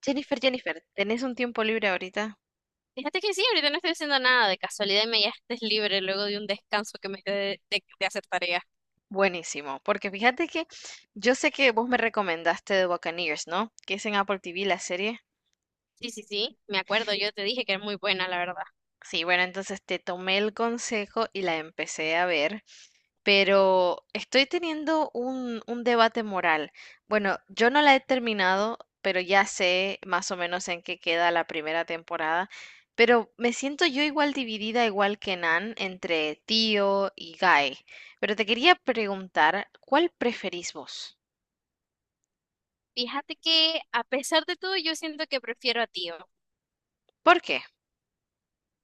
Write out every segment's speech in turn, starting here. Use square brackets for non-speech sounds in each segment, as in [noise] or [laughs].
Jennifer, Jennifer, ¿tenés un tiempo libre ahorita? Fíjate que sí, ahorita no estoy haciendo nada. De casualidad me estés libre luego de un descanso que me dio de hacer tareas. Buenísimo, porque fíjate que yo sé que vos me recomendaste The Buccaneers, ¿no? Que es en Apple TV la serie. Sí, sí, sí, me acuerdo. Yo te dije que era muy buena, la verdad. Sí, bueno, entonces te tomé el consejo y la empecé a ver, pero estoy teniendo un debate moral. Bueno, yo no la he terminado, pero ya sé más o menos en qué queda la primera temporada, pero me siento yo igual dividida, igual que Nan, entre Tío y Guy. Pero te quería preguntar, ¿cuál preferís vos? Fíjate que a pesar de todo, yo siento que prefiero a Tío. ¿Por qué?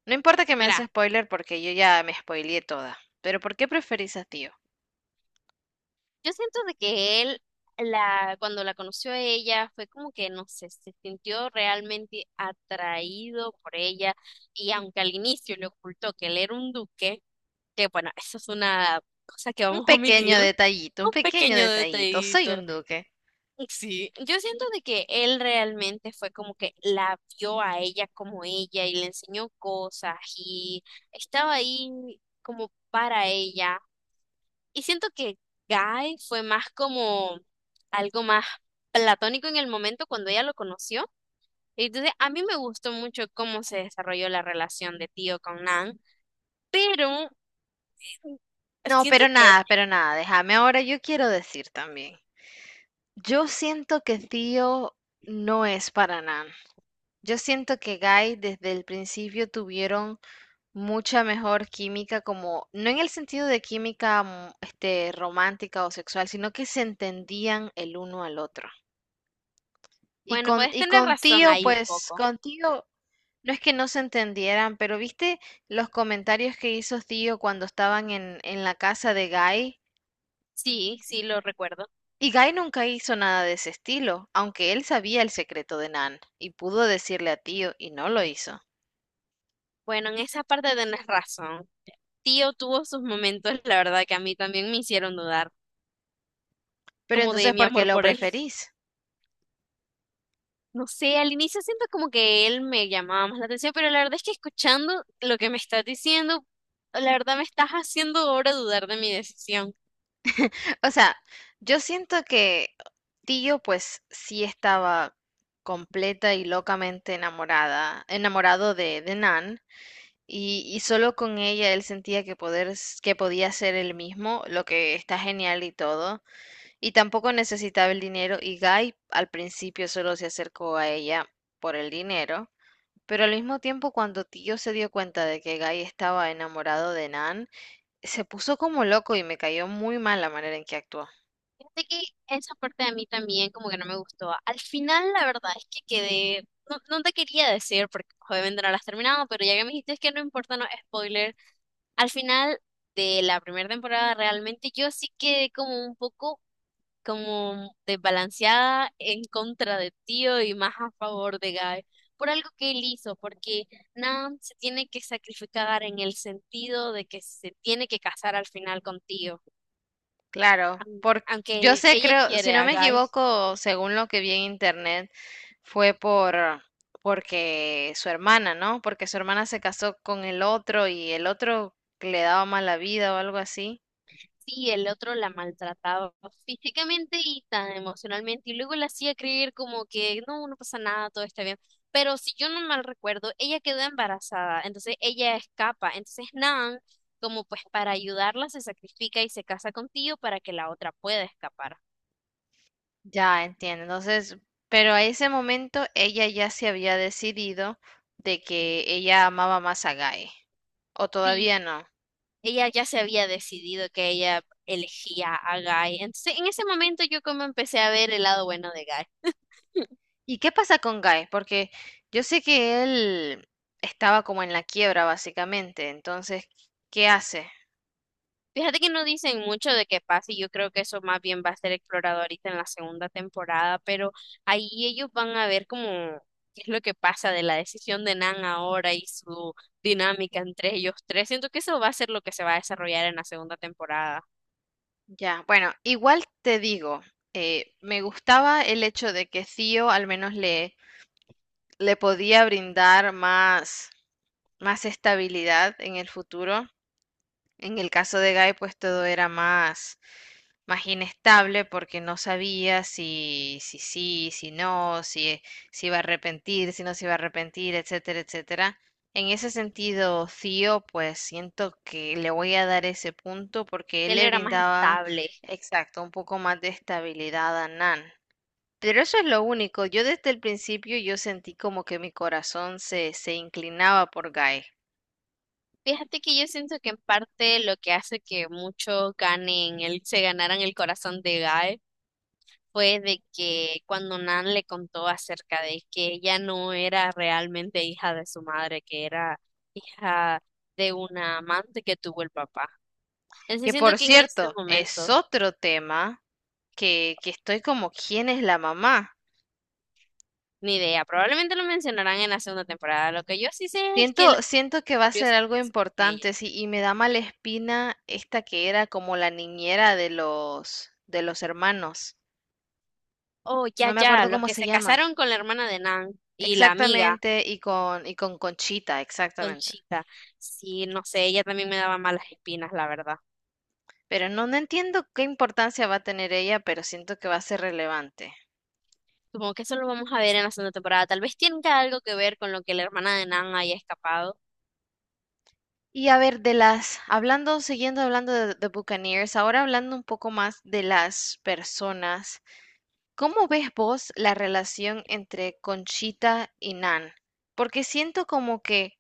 No importa que me des Mira, spoiler porque yo ya me spoileé toda, pero ¿por qué preferís a Tío? yo siento de que él, la, cuando la conoció a ella, fue como que, no sé, se sintió realmente atraído por ella. Y aunque al inicio le ocultó que él era un duque, que bueno, eso es una cosa que Un vamos a pequeño omitir, detallito, un un pequeño pequeño detallito. Soy detallito. un duque. Sí, yo siento de que él realmente fue como que la vio a ella como ella y le enseñó cosas y estaba ahí como para ella. Y siento que Guy fue más como algo más platónico en el momento cuando ella lo conoció. Y entonces, a mí me gustó mucho cómo se desarrolló la relación de Tío con Nan, pero No, siento pero que, nada, pero nada. Déjame ahora, yo quiero decir también. Yo siento que Tío no es para Nan. Yo siento que Guy desde el principio tuvieron mucha mejor química, como, no en el sentido de química romántica o sexual, sino que se entendían el uno al otro. Y bueno, con, puedes y tener con razón Tío, ahí un pues, poco. con Tío, no es que no se entendieran, pero viste los comentarios que hizo Tío cuando estaban en la casa de Guy. Sí, sí, lo recuerdo. Y Guy nunca hizo nada de ese estilo, aunque él sabía el secreto de Nan y pudo decirle a Tío y no lo hizo. Bueno, en esa parte tenés razón. Tío tuvo sus momentos, la verdad, que a mí también me hicieron dudar, Pero como de entonces, mi ¿por qué amor lo por él. [laughs] preferís? No sé, al inicio siento como que él me llamaba más la atención, pero la verdad es que escuchando lo que me estás diciendo, la verdad me estás haciendo ahora dudar de mi decisión. O sea, yo siento que Tío pues sí estaba completa y locamente enamorada, enamorado de Nan, y solo con ella él sentía que podía ser él mismo, lo que está genial y todo. Y tampoco necesitaba el dinero. Y Guy al principio solo se acercó a ella por el dinero. Pero al mismo tiempo, cuando Tío se dio cuenta de que Guy estaba enamorado de Nan, se puso como loco y me cayó muy mal la manera en que actuó. Fíjate que esa parte de mí también como que no me gustó. Al final, la verdad es que quedé, no, no te quería decir porque pues, obviamente no la has terminado, pero ya que me dijiste es que no importa, no spoiler. Al final de la primera temporada realmente yo sí quedé como un poco como desbalanceada en contra de Tío y más a favor de Guy por algo que él hizo, porque Nam se tiene que sacrificar en el sentido de que se tiene que casar al final con Tío, Claro, aun- por, yo aunque sé, ella creo, si quiere no a me Guy. equivoco, según lo que vi en internet, fue por porque su hermana, ¿no? Porque su hermana se casó con el otro y el otro le daba mala vida o algo así. Sí, el otro la maltrataba físicamente y tan emocionalmente y luego la hacía creer como que no, no pasa nada, todo está bien. Pero si yo no mal recuerdo, ella quedó embarazada, entonces ella escapa, entonces Nan, como pues para ayudarla, se sacrifica y se casa con Tío para que la otra pueda escapar. Ya entiendo. Entonces, pero a ese momento ella ya se había decidido de que ella amaba más a Guy. ¿O Sí, todavía no? ella ya se había decidido que ella elegía a Guy, entonces en ese momento yo como empecé a ver el lado bueno de Guy. ¿Y qué pasa con Guy? Porque yo sé que él estaba como en la quiebra, básicamente. Entonces, ¿qué hace? Fíjate que no dicen mucho de qué pasa y yo creo que eso más bien va a ser explorado ahorita en la segunda temporada, pero ahí ellos van a ver como qué es lo que pasa de la decisión de Nan ahora y su dinámica entre ellos tres. Siento que eso va a ser lo que se va a desarrollar en la segunda temporada. Ya, bueno, igual te digo, me gustaba el hecho de que Theo al menos le, le podía brindar más, más estabilidad en el futuro. En el caso de Guy, pues todo era más, más inestable porque no sabía si, si sí, si no, si, si iba a arrepentir, si no se iba a arrepentir, etcétera, etcétera. En ese sentido, Theo, pues siento que le voy a dar ese punto porque él Él le era más brindaba, estable. exacto, un poco más de estabilidad a Nan. Pero eso es lo único. Yo desde el principio yo sentí como que mi corazón se, se inclinaba por Guy. Fíjate que yo siento que en parte lo que hace que muchos ganen, el, se ganaran el corazón de Guy fue de que cuando Nan le contó acerca de que ella no era realmente hija de su madre, que era hija de una amante que tuvo el papá. Que Entonces siento por que en este cierto, es momento, otro tema que estoy como, ¿quién es la mamá? ni idea, probablemente lo mencionarán en la segunda temporada. Lo que yo sí sé es que la Siento, siento que va a abrió ser su algo corazón con ella. importante, sí, y me da mala espina esta que era como la niñera de los hermanos. Oh, No ya, me ya, acuerdo los cómo que se se llama. casaron con la hermana de Nan y la amiga, Exactamente, y con Conchita, exactamente. Conchita. Sí, no sé, ella también me daba malas espinas, la verdad. Pero no, no entiendo qué importancia va a tener ella, pero siento que va a ser relevante. Supongo que eso lo vamos a ver en la segunda temporada. Tal vez tenga algo que ver con lo que la hermana de Nan haya escapado. Y a ver, de las, hablando, siguiendo hablando de Buccaneers, ahora hablando un poco más de las personas. ¿Cómo ves vos la relación entre Conchita y Nan? Porque siento como que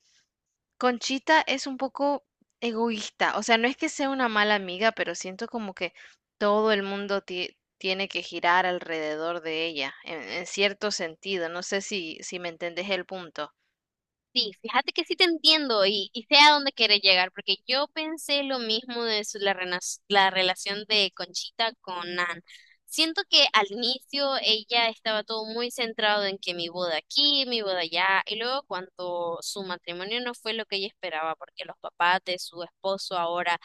Conchita es un poco egoísta, o sea, no es que sea una mala amiga, pero siento como que todo el mundo tiene que girar alrededor de ella, en cierto sentido, no sé si, si me entendés el punto. Sí, fíjate que sí te entiendo y sé a dónde quieres llegar, porque yo pensé lo mismo de la relación de Conchita con Nan. Siento que al inicio ella estaba todo muy centrado en que mi boda aquí, mi boda allá, y luego cuando su matrimonio no fue lo que ella esperaba, porque los papás de su esposo ahora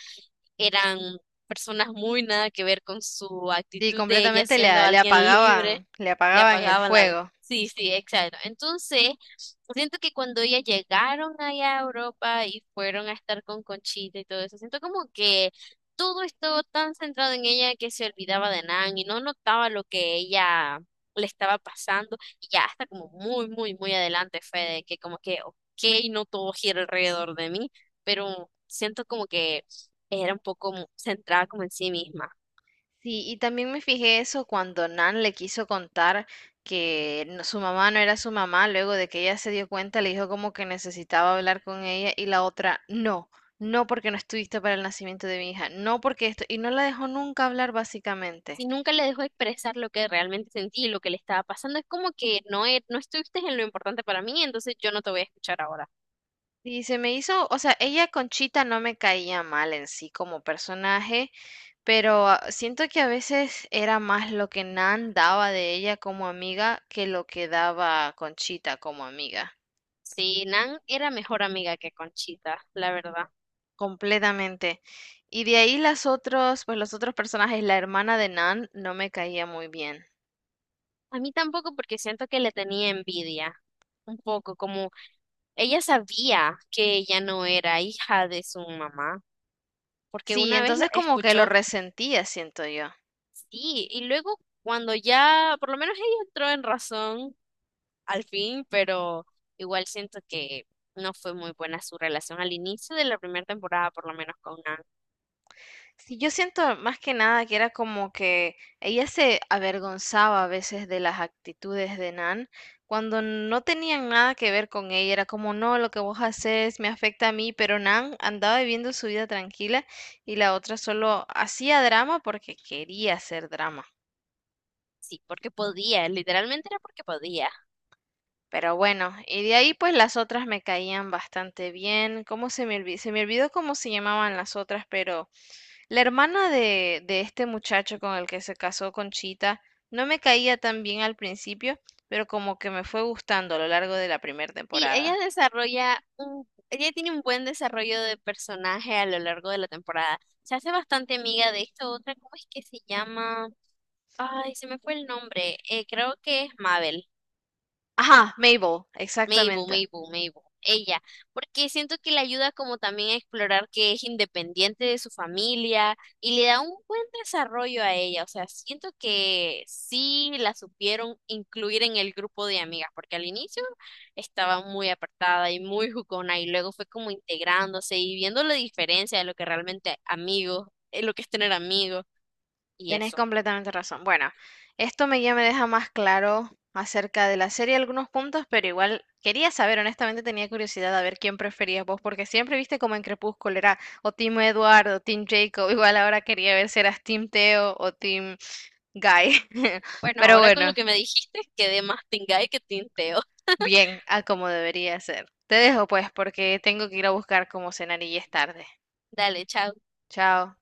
eran personas muy nada que ver con su Sí, actitud de ella completamente le, siendo alguien libre, le le apagaban el apagaban la... fuego. Sí, sí, exacto. Entonces, siento que cuando ellas llegaron allá a Europa y fueron a estar con Conchita y todo eso, siento como que todo estuvo tan centrado en ella que se olvidaba de Nan y no notaba lo que ella le estaba pasando y ya hasta como muy, muy, muy adelante fue de que como que, ok, no todo gira alrededor de mí, pero siento como que era un poco centrada como en sí misma. Sí, y también me fijé eso cuando Nan le quiso contar que su mamá no era su mamá, luego de que ella se dio cuenta, le dijo como que necesitaba hablar con ella y la otra, no, no porque no estuviste para el nacimiento de mi hija, no porque esto, y no la dejó nunca hablar básicamente. Si nunca le dejó expresar lo que realmente sentí y lo que le estaba pasando, es como que no, no estuviste en lo importante para mí, entonces yo no te voy a escuchar ahora. Y se me hizo, o sea, ella Conchita no me caía mal en sí como personaje, pero siento que a veces era más lo que Nan daba de ella como amiga que lo que daba Conchita como amiga. Sí, Nan era mejor amiga que Conchita, la verdad. Completamente. Y de ahí las otros, pues los otros personajes, la hermana de Nan no me caía muy bien. A mí tampoco porque siento que le tenía envidia, un poco, como ella sabía que ella no era hija de su mamá, porque Sí, una vez lo entonces como que lo escuchó, resentía, siento yo. sí, y luego cuando ya, por lo menos ella entró en razón al fin, pero igual siento que no fue muy buena su relación al inicio de la primera temporada, por lo menos con Nan. Sí, yo siento más que nada que era como que ella se avergonzaba a veces de las actitudes de Nan cuando no tenían nada que ver con ella. Era como, no, lo que vos haces me afecta a mí, pero Nan andaba viviendo su vida tranquila y la otra solo hacía drama porque quería hacer drama. Sí, porque podía, literalmente era porque podía. Pero bueno, y de ahí pues las otras me caían bastante bien. ¿Cómo se me olvidó? Se me olvidó cómo se llamaban las otras, pero la hermana de este muchacho con el que se casó Conchita no me caía tan bien al principio, pero como que me fue gustando a lo largo de la primera Sí, ella temporada. desarrolla un, ella tiene un buen desarrollo de personaje a lo largo de la temporada. Se hace bastante amiga de esta otra, ¿cómo es que se llama? Ay, se me fue el nombre. Creo que es Mabel. Ajá, Mabel, Mabel, exactamente. Mabel, Mabel, ella, porque siento que le ayuda como también a explorar que es independiente de su familia y le da un buen desarrollo a ella, o sea, siento que sí la supieron incluir en el grupo de amigas, porque al inicio estaba muy apartada y muy jugona y luego fue como integrándose y viendo la diferencia de lo que realmente amigos, lo que es tener amigos y Tenés eso. completamente razón. Bueno, esto me, ya me deja más claro acerca de la serie algunos puntos, pero igual quería saber, honestamente tenía curiosidad a ver quién preferías vos, porque siempre viste como en Crepúsculo era o Team Eduardo, Team Jacob, [laughs] igual ahora quería ver si eras Team Theo o Team Guy. [laughs] Bueno, Pero ahora con lo bueno, que me dijiste, quedé más tingay que tinteo. bien, a como debería ser. Te dejo pues, porque tengo que ir a buscar cómo cenar y ya es tarde. Dale, chao. Chao.